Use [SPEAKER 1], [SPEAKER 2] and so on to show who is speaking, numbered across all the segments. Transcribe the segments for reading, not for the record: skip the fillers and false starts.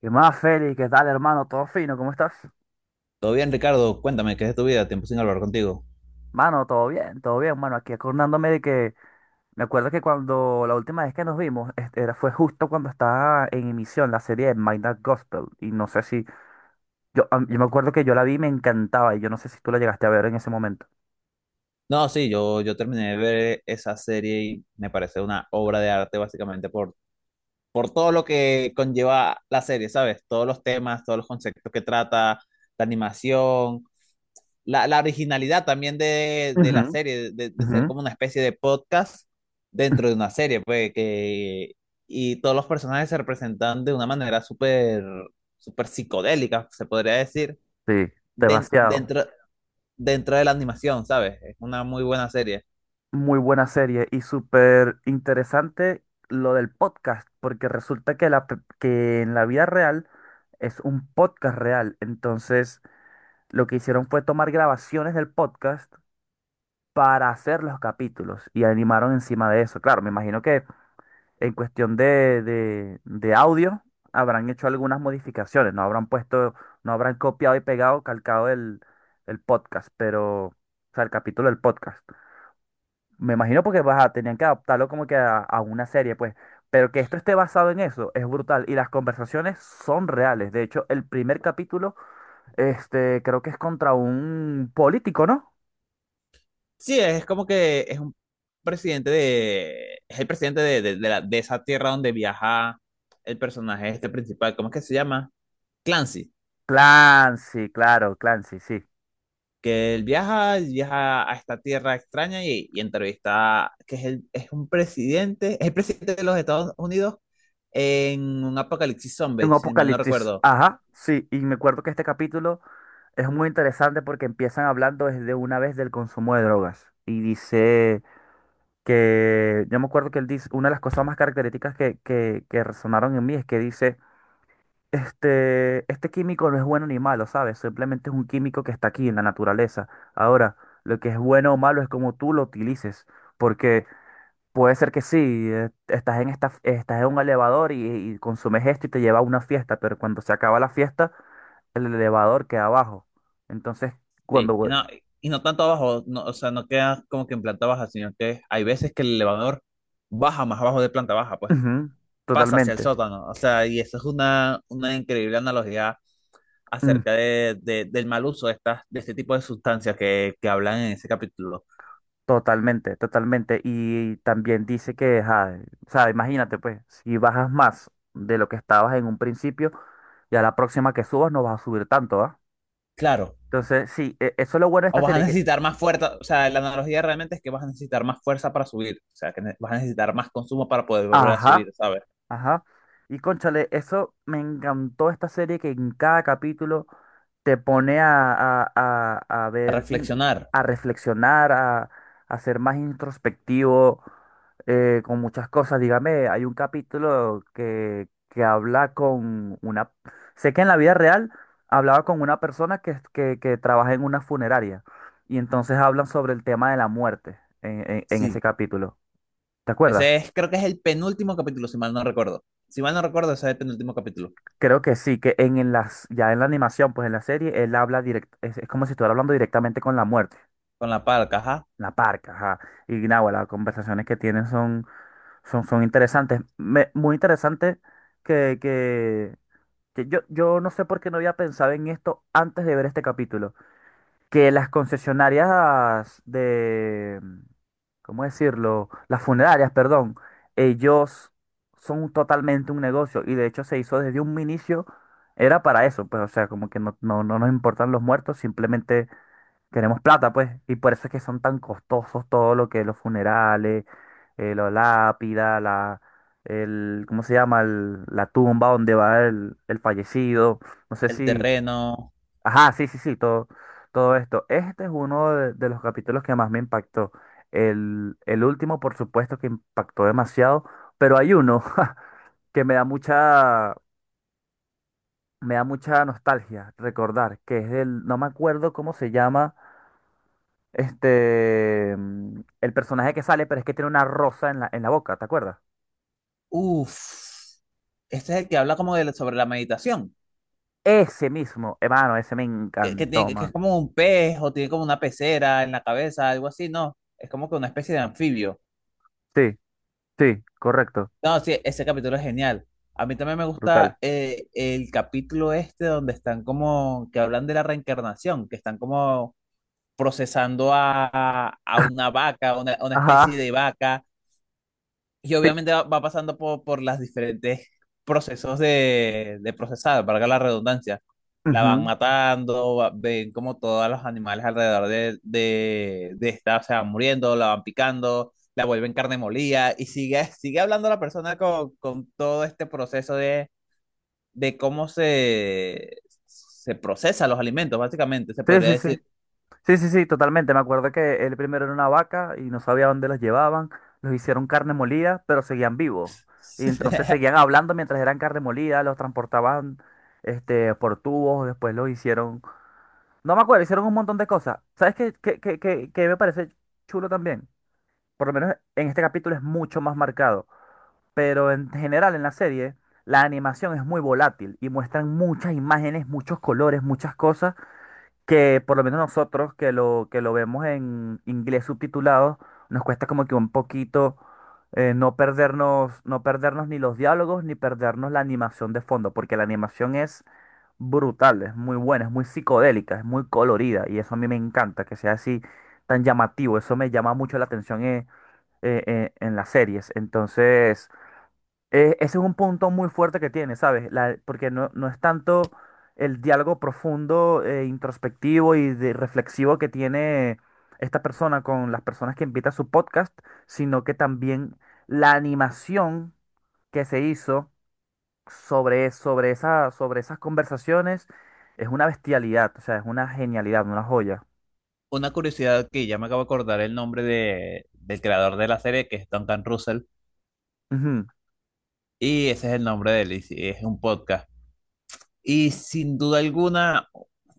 [SPEAKER 1] ¿Qué más, Félix? ¿Qué tal, hermano? ¿Todo fino? ¿Cómo estás?
[SPEAKER 2] Todo bien, Ricardo, cuéntame, ¿qué es de tu vida? Tiempo sin hablar contigo.
[SPEAKER 1] Mano, todo bien, mano. Aquí acordándome de que me acuerdo que cuando la última vez que nos vimos fue justo cuando estaba en emisión la serie de My Dark Gospel. Y no sé si. Yo me acuerdo que yo la vi y me encantaba. Y yo no sé si tú la llegaste a ver en ese momento.
[SPEAKER 2] No, sí, yo terminé de ver esa serie y me parece una obra de arte básicamente por todo lo que conlleva la serie, ¿sabes? Todos los temas, todos los conceptos que trata, la animación, la originalidad también de
[SPEAKER 1] Ujú,
[SPEAKER 2] la serie, de
[SPEAKER 1] ujú.
[SPEAKER 2] ser como una especie de podcast dentro de una serie, y todos los personajes se representan de una manera súper psicodélica, se podría decir
[SPEAKER 1] Sí, demasiado.
[SPEAKER 2] dentro, dentro de la animación, ¿sabes? Es una muy buena serie.
[SPEAKER 1] Muy buena serie y súper interesante lo del podcast, porque resulta que, que en la vida real es un podcast real. Entonces. Lo que hicieron fue tomar grabaciones del podcast para hacer los capítulos y animaron encima de eso. Claro, me imagino que en cuestión de audio habrán hecho algunas modificaciones, no habrán puesto, no habrán copiado y pegado, calcado el podcast, pero, o sea, el capítulo del podcast. Me imagino porque baja, tenían que adaptarlo como que a una serie, pues. Pero que esto esté basado en eso es brutal y las conversaciones son reales. De hecho, el primer capítulo, este, creo que es contra un político, ¿no?
[SPEAKER 2] Sí, es como que es un presidente de... Es el presidente de esa tierra donde viaja el personaje este principal. ¿Cómo es que se llama? Clancy.
[SPEAKER 1] Clancy, claro, Clancy, sí. Sí.
[SPEAKER 2] Que él viaja a esta tierra extraña y entrevista, es un presidente, es el presidente de los Estados Unidos en un apocalipsis
[SPEAKER 1] En
[SPEAKER 2] zombie, si mal no
[SPEAKER 1] Apocalipsis,
[SPEAKER 2] recuerdo.
[SPEAKER 1] ajá, sí. Y me acuerdo que este capítulo es muy interesante porque empiezan hablando desde una vez del consumo de drogas. Y dice que, yo me acuerdo que él dice, una de las cosas más características que resonaron en mí es que dice, este químico no es bueno ni malo, ¿sabes? Simplemente es un químico que está aquí en la naturaleza. Ahora, lo que es bueno o malo es como tú lo utilices. Puede ser que sí, estás en un elevador y consumes esto y te lleva a una fiesta, pero cuando se acaba la fiesta, el elevador queda abajo. Entonces, cuando...
[SPEAKER 2] Sí, y no tanto abajo, no, o sea, no queda como que en planta baja, sino que hay veces que el elevador baja más abajo de planta baja, pues
[SPEAKER 1] Ujú,
[SPEAKER 2] pasa hacia el
[SPEAKER 1] totalmente,
[SPEAKER 2] sótano, o sea, y eso es una increíble analogía
[SPEAKER 1] mm,
[SPEAKER 2] acerca del mal uso de este tipo de sustancias que hablan en ese capítulo.
[SPEAKER 1] totalmente, totalmente. Y también dice que, ajá, o sea, imagínate pues, si bajas más de lo que estabas en un principio, ya la próxima que subas no vas a subir tanto, ¿ah?
[SPEAKER 2] Claro,
[SPEAKER 1] Entonces, sí, eso es lo bueno de
[SPEAKER 2] o
[SPEAKER 1] esta
[SPEAKER 2] vas a
[SPEAKER 1] serie, que,
[SPEAKER 2] necesitar más fuerza, o sea, la analogía realmente es que vas a necesitar más fuerza para subir, o sea, que vas a necesitar más consumo para poder volver a
[SPEAKER 1] ajá.
[SPEAKER 2] subir, ¿sabes?
[SPEAKER 1] Ajá. Y cónchale, eso me encantó esta serie que en cada capítulo te pone a
[SPEAKER 2] A
[SPEAKER 1] ver,
[SPEAKER 2] reflexionar.
[SPEAKER 1] a reflexionar, a ser más introspectivo con muchas cosas. Dígame, hay un capítulo que habla con una... Sé que en la vida real hablaba con una persona que trabaja en una funeraria y entonces hablan sobre el tema de la muerte en
[SPEAKER 2] Sí.
[SPEAKER 1] ese capítulo. ¿Te acuerdas?
[SPEAKER 2] Ese es, creo que es el penúltimo capítulo, si mal no recuerdo. Si mal no recuerdo, ese es el penúltimo capítulo.
[SPEAKER 1] Creo que sí, que ya en la animación, pues en la serie, él habla directo, es como si estuviera hablando directamente con la muerte,
[SPEAKER 2] Con la palca, ajá.
[SPEAKER 1] la parca, ajá. Y nada, las conversaciones que tienen son, son interesantes. Muy interesante que, que yo no sé por qué no había pensado en esto antes de ver este capítulo, que las concesionarias de, ¿cómo decirlo? Las funerarias, perdón, ellos son totalmente un negocio y de hecho se hizo desde un inicio, era para eso, pues o sea, como que no nos importan los muertos, simplemente queremos plata, pues, y por eso es que son tan costosos todo lo que los funerales, la lápida, ¿cómo se llama? La tumba donde va el fallecido, no sé
[SPEAKER 2] El
[SPEAKER 1] si...
[SPEAKER 2] terreno.
[SPEAKER 1] Ajá, sí, sí, sí, todo, todo esto. Este es uno de los capítulos que más me impactó. El último, por supuesto, que impactó demasiado, pero hay uno que me da mucha nostalgia recordar, que es el, no me acuerdo cómo se llama, este, el personaje que sale, pero es que tiene una rosa en la, boca, ¿te acuerdas?
[SPEAKER 2] Uf. Este es el que habla como de, sobre la meditación.
[SPEAKER 1] Ese mismo, hermano, ese me encantó,
[SPEAKER 2] Tiene, que es
[SPEAKER 1] man.
[SPEAKER 2] como un pez o tiene como una pecera en la cabeza, algo así, ¿no? Es como que una especie de anfibio.
[SPEAKER 1] Sí, sí, correcto,
[SPEAKER 2] No, sí, ese capítulo es genial. A mí también me
[SPEAKER 1] brutal.
[SPEAKER 2] gusta el capítulo este donde están como, que hablan de la reencarnación, que están como procesando a una vaca, a una especie
[SPEAKER 1] Ajá.
[SPEAKER 2] de vaca. Y obviamente va pasando por las diferentes procesos de procesado, valga la redundancia. La van
[SPEAKER 1] Ujú.
[SPEAKER 2] matando, ven como todos los animales alrededor de esta se van muriendo, la van picando, la vuelven carne molida y sigue, sigue hablando la persona con todo este proceso de cómo se procesa los alimentos, básicamente, se
[SPEAKER 1] Sí,
[SPEAKER 2] podría
[SPEAKER 1] sí, sí.
[SPEAKER 2] decir.
[SPEAKER 1] Sí, sí, sí, totalmente. Me acuerdo que él primero era una vaca y no sabía dónde los llevaban. Los hicieron carne molida, pero seguían vivos. Y entonces seguían hablando mientras eran carne molida, los transportaban este, por tubos, después los hicieron... No me acuerdo, hicieron un montón de cosas. ¿Sabes qué me parece chulo también? Por lo menos en este capítulo es mucho más marcado. Pero en general en la serie, la animación es muy volátil y muestran muchas imágenes, muchos colores, muchas cosas que por lo menos nosotros que lo vemos en inglés subtitulado, nos cuesta como que un poquito no perdernos, no perdernos ni los diálogos ni perdernos la animación de fondo, porque la animación es brutal, es muy buena, es muy psicodélica, es muy colorida y eso a mí me encanta, que sea así tan llamativo, eso me llama mucho la atención en las series. Entonces... Ese es un punto muy fuerte que tiene, ¿sabes? Porque no es tanto el diálogo profundo, introspectivo y de reflexivo que tiene esta persona con las personas que invita a su podcast, sino que también la animación que se hizo sobre esas conversaciones es una bestialidad, o sea, es una genialidad, una joya.
[SPEAKER 2] Una curiosidad que ya me acabo de acordar el nombre del creador de la serie, que es Duncan Russell.
[SPEAKER 1] Ujú,
[SPEAKER 2] Y ese es el nombre de él, y sí, es un podcast. Y sin duda alguna,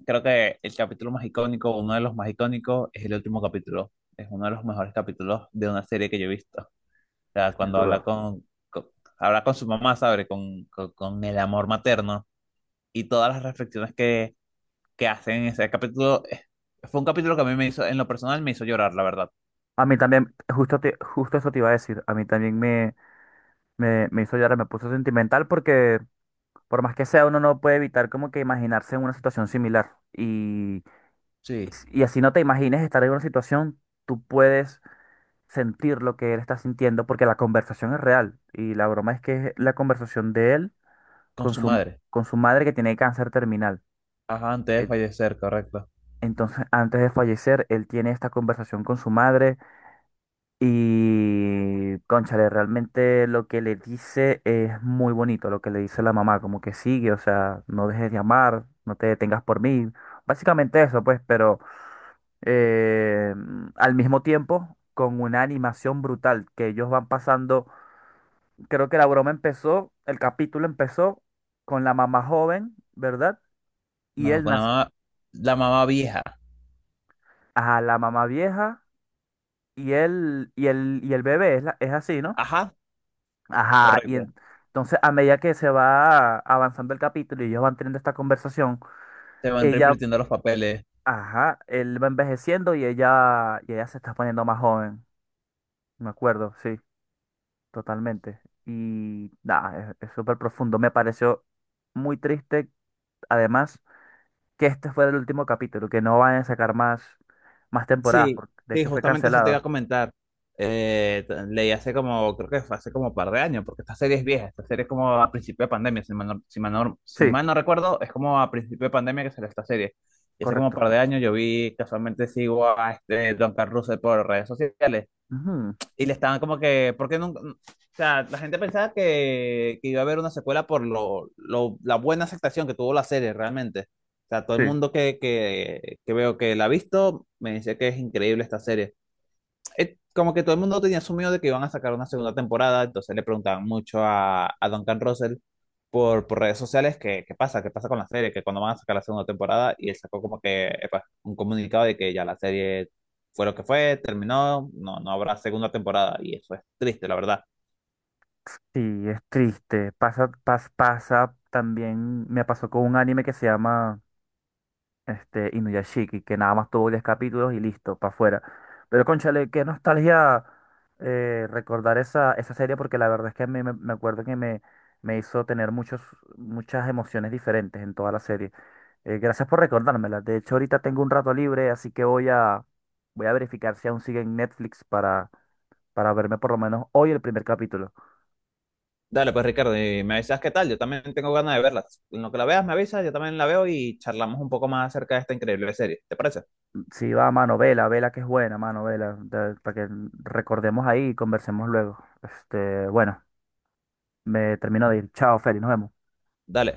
[SPEAKER 2] creo que el capítulo más icónico, uno de los más icónicos, es el último capítulo. Es uno de los mejores capítulos de una serie que yo he visto. O sea,
[SPEAKER 1] sin
[SPEAKER 2] cuando
[SPEAKER 1] duda.
[SPEAKER 2] con- habla con su mamá, ¿sabe? Con el amor materno y todas las reflexiones que hacen en ese capítulo. Fue un capítulo que a mí me hizo, en lo personal, me hizo llorar, la verdad.
[SPEAKER 1] A mí también, justo, justo eso te iba a decir, a mí también me hizo llorar, me puso sentimental porque... Por más que sea, uno no puede evitar como que imaginarse en una situación similar.
[SPEAKER 2] Sí,
[SPEAKER 1] Y así no te imagines estar en una situación, tú puedes sentir lo que él está sintiendo porque la conversación es real. Y la broma es que es la conversación de él
[SPEAKER 2] con
[SPEAKER 1] con
[SPEAKER 2] su
[SPEAKER 1] su,
[SPEAKER 2] madre.
[SPEAKER 1] con su madre que tiene cáncer terminal.
[SPEAKER 2] Ajá, antes de
[SPEAKER 1] En-
[SPEAKER 2] fallecer, correcto.
[SPEAKER 1] Entonces, antes de fallecer, él tiene esta conversación con su madre. Y, cónchale, realmente lo que le dice es muy bonito, lo que le dice la mamá, como que sigue, o sea, no dejes de amar, no te detengas por mí, básicamente eso, pues, pero eh, al mismo tiempo con una animación brutal que ellos van pasando, creo que la broma empezó, el capítulo empezó con la mamá joven, ¿verdad? Y
[SPEAKER 2] No,
[SPEAKER 1] él
[SPEAKER 2] con
[SPEAKER 1] nace
[SPEAKER 2] la mamá vieja.
[SPEAKER 1] a la mamá vieja y él, y el bebé, es, es así, ¿no?
[SPEAKER 2] Ajá.
[SPEAKER 1] Ajá, y
[SPEAKER 2] Correcto.
[SPEAKER 1] entonces a medida que se va avanzando el capítulo y ellos van teniendo esta conversación,
[SPEAKER 2] Se van
[SPEAKER 1] ella,
[SPEAKER 2] reinvirtiendo los papeles.
[SPEAKER 1] ajá, él va envejeciendo y ella se está poniendo más joven, me acuerdo, sí, totalmente. Y nada, es súper profundo, me pareció muy triste, además, que este fue el último capítulo, que no van a sacar más, más temporadas,
[SPEAKER 2] Sí,
[SPEAKER 1] porque de
[SPEAKER 2] sí,
[SPEAKER 1] hecho fue
[SPEAKER 2] justamente eso te iba a
[SPEAKER 1] cancelada.
[SPEAKER 2] comentar. Leí hace como, creo que fue hace como un par de años, porque esta serie es vieja, esta serie es como a principio de pandemia, si
[SPEAKER 1] Sí,
[SPEAKER 2] mal no recuerdo, es como a principio de pandemia que salió esta serie. Y hace como un
[SPEAKER 1] correcto.
[SPEAKER 2] par de años yo vi, casualmente sigo a este Don Carlos Russell por redes sociales
[SPEAKER 1] Ujú,
[SPEAKER 2] y le estaban como que, ¿por qué no? O sea, la gente pensaba que iba a haber una secuela por la buena aceptación que tuvo la serie realmente. O sea, todo el
[SPEAKER 1] sí.
[SPEAKER 2] mundo que veo que la ha visto me dice que es increíble esta serie. Como que todo el mundo tenía asumido de que iban a sacar una segunda temporada, entonces le preguntaban mucho a Duncan Russell por redes sociales que, qué pasa con la serie, que cuando van a sacar la segunda temporada, y él sacó como que epa, un comunicado de que ya la serie fue lo que fue, terminó, no, no habrá segunda temporada, y eso es triste, la verdad.
[SPEAKER 1] Sí, es triste. Pasa también, me pasó con un anime que se llama este, Inuyashiki, que nada más tuvo 10 capítulos y listo, para afuera. Pero cónchale, qué nostalgia recordar esa serie, porque la verdad es que a mí me acuerdo que me hizo tener muchos, muchas emociones diferentes en toda la serie. Gracias por recordármela. De hecho, ahorita tengo un rato libre, así que voy a verificar si aún sigue en Netflix para verme por lo menos hoy el primer capítulo.
[SPEAKER 2] Dale, pues Ricardo, y me avisas qué tal, yo también tengo ganas de verla. En lo que la veas, me avisas, yo también la veo y charlamos un poco más acerca de esta increíble serie, ¿te parece?
[SPEAKER 1] Sí, va, mano, vela, vela que es buena, mano, vela, para que recordemos ahí y conversemos luego. Bueno, me termino de ir. Chao, Feli, nos vemos.
[SPEAKER 2] Dale.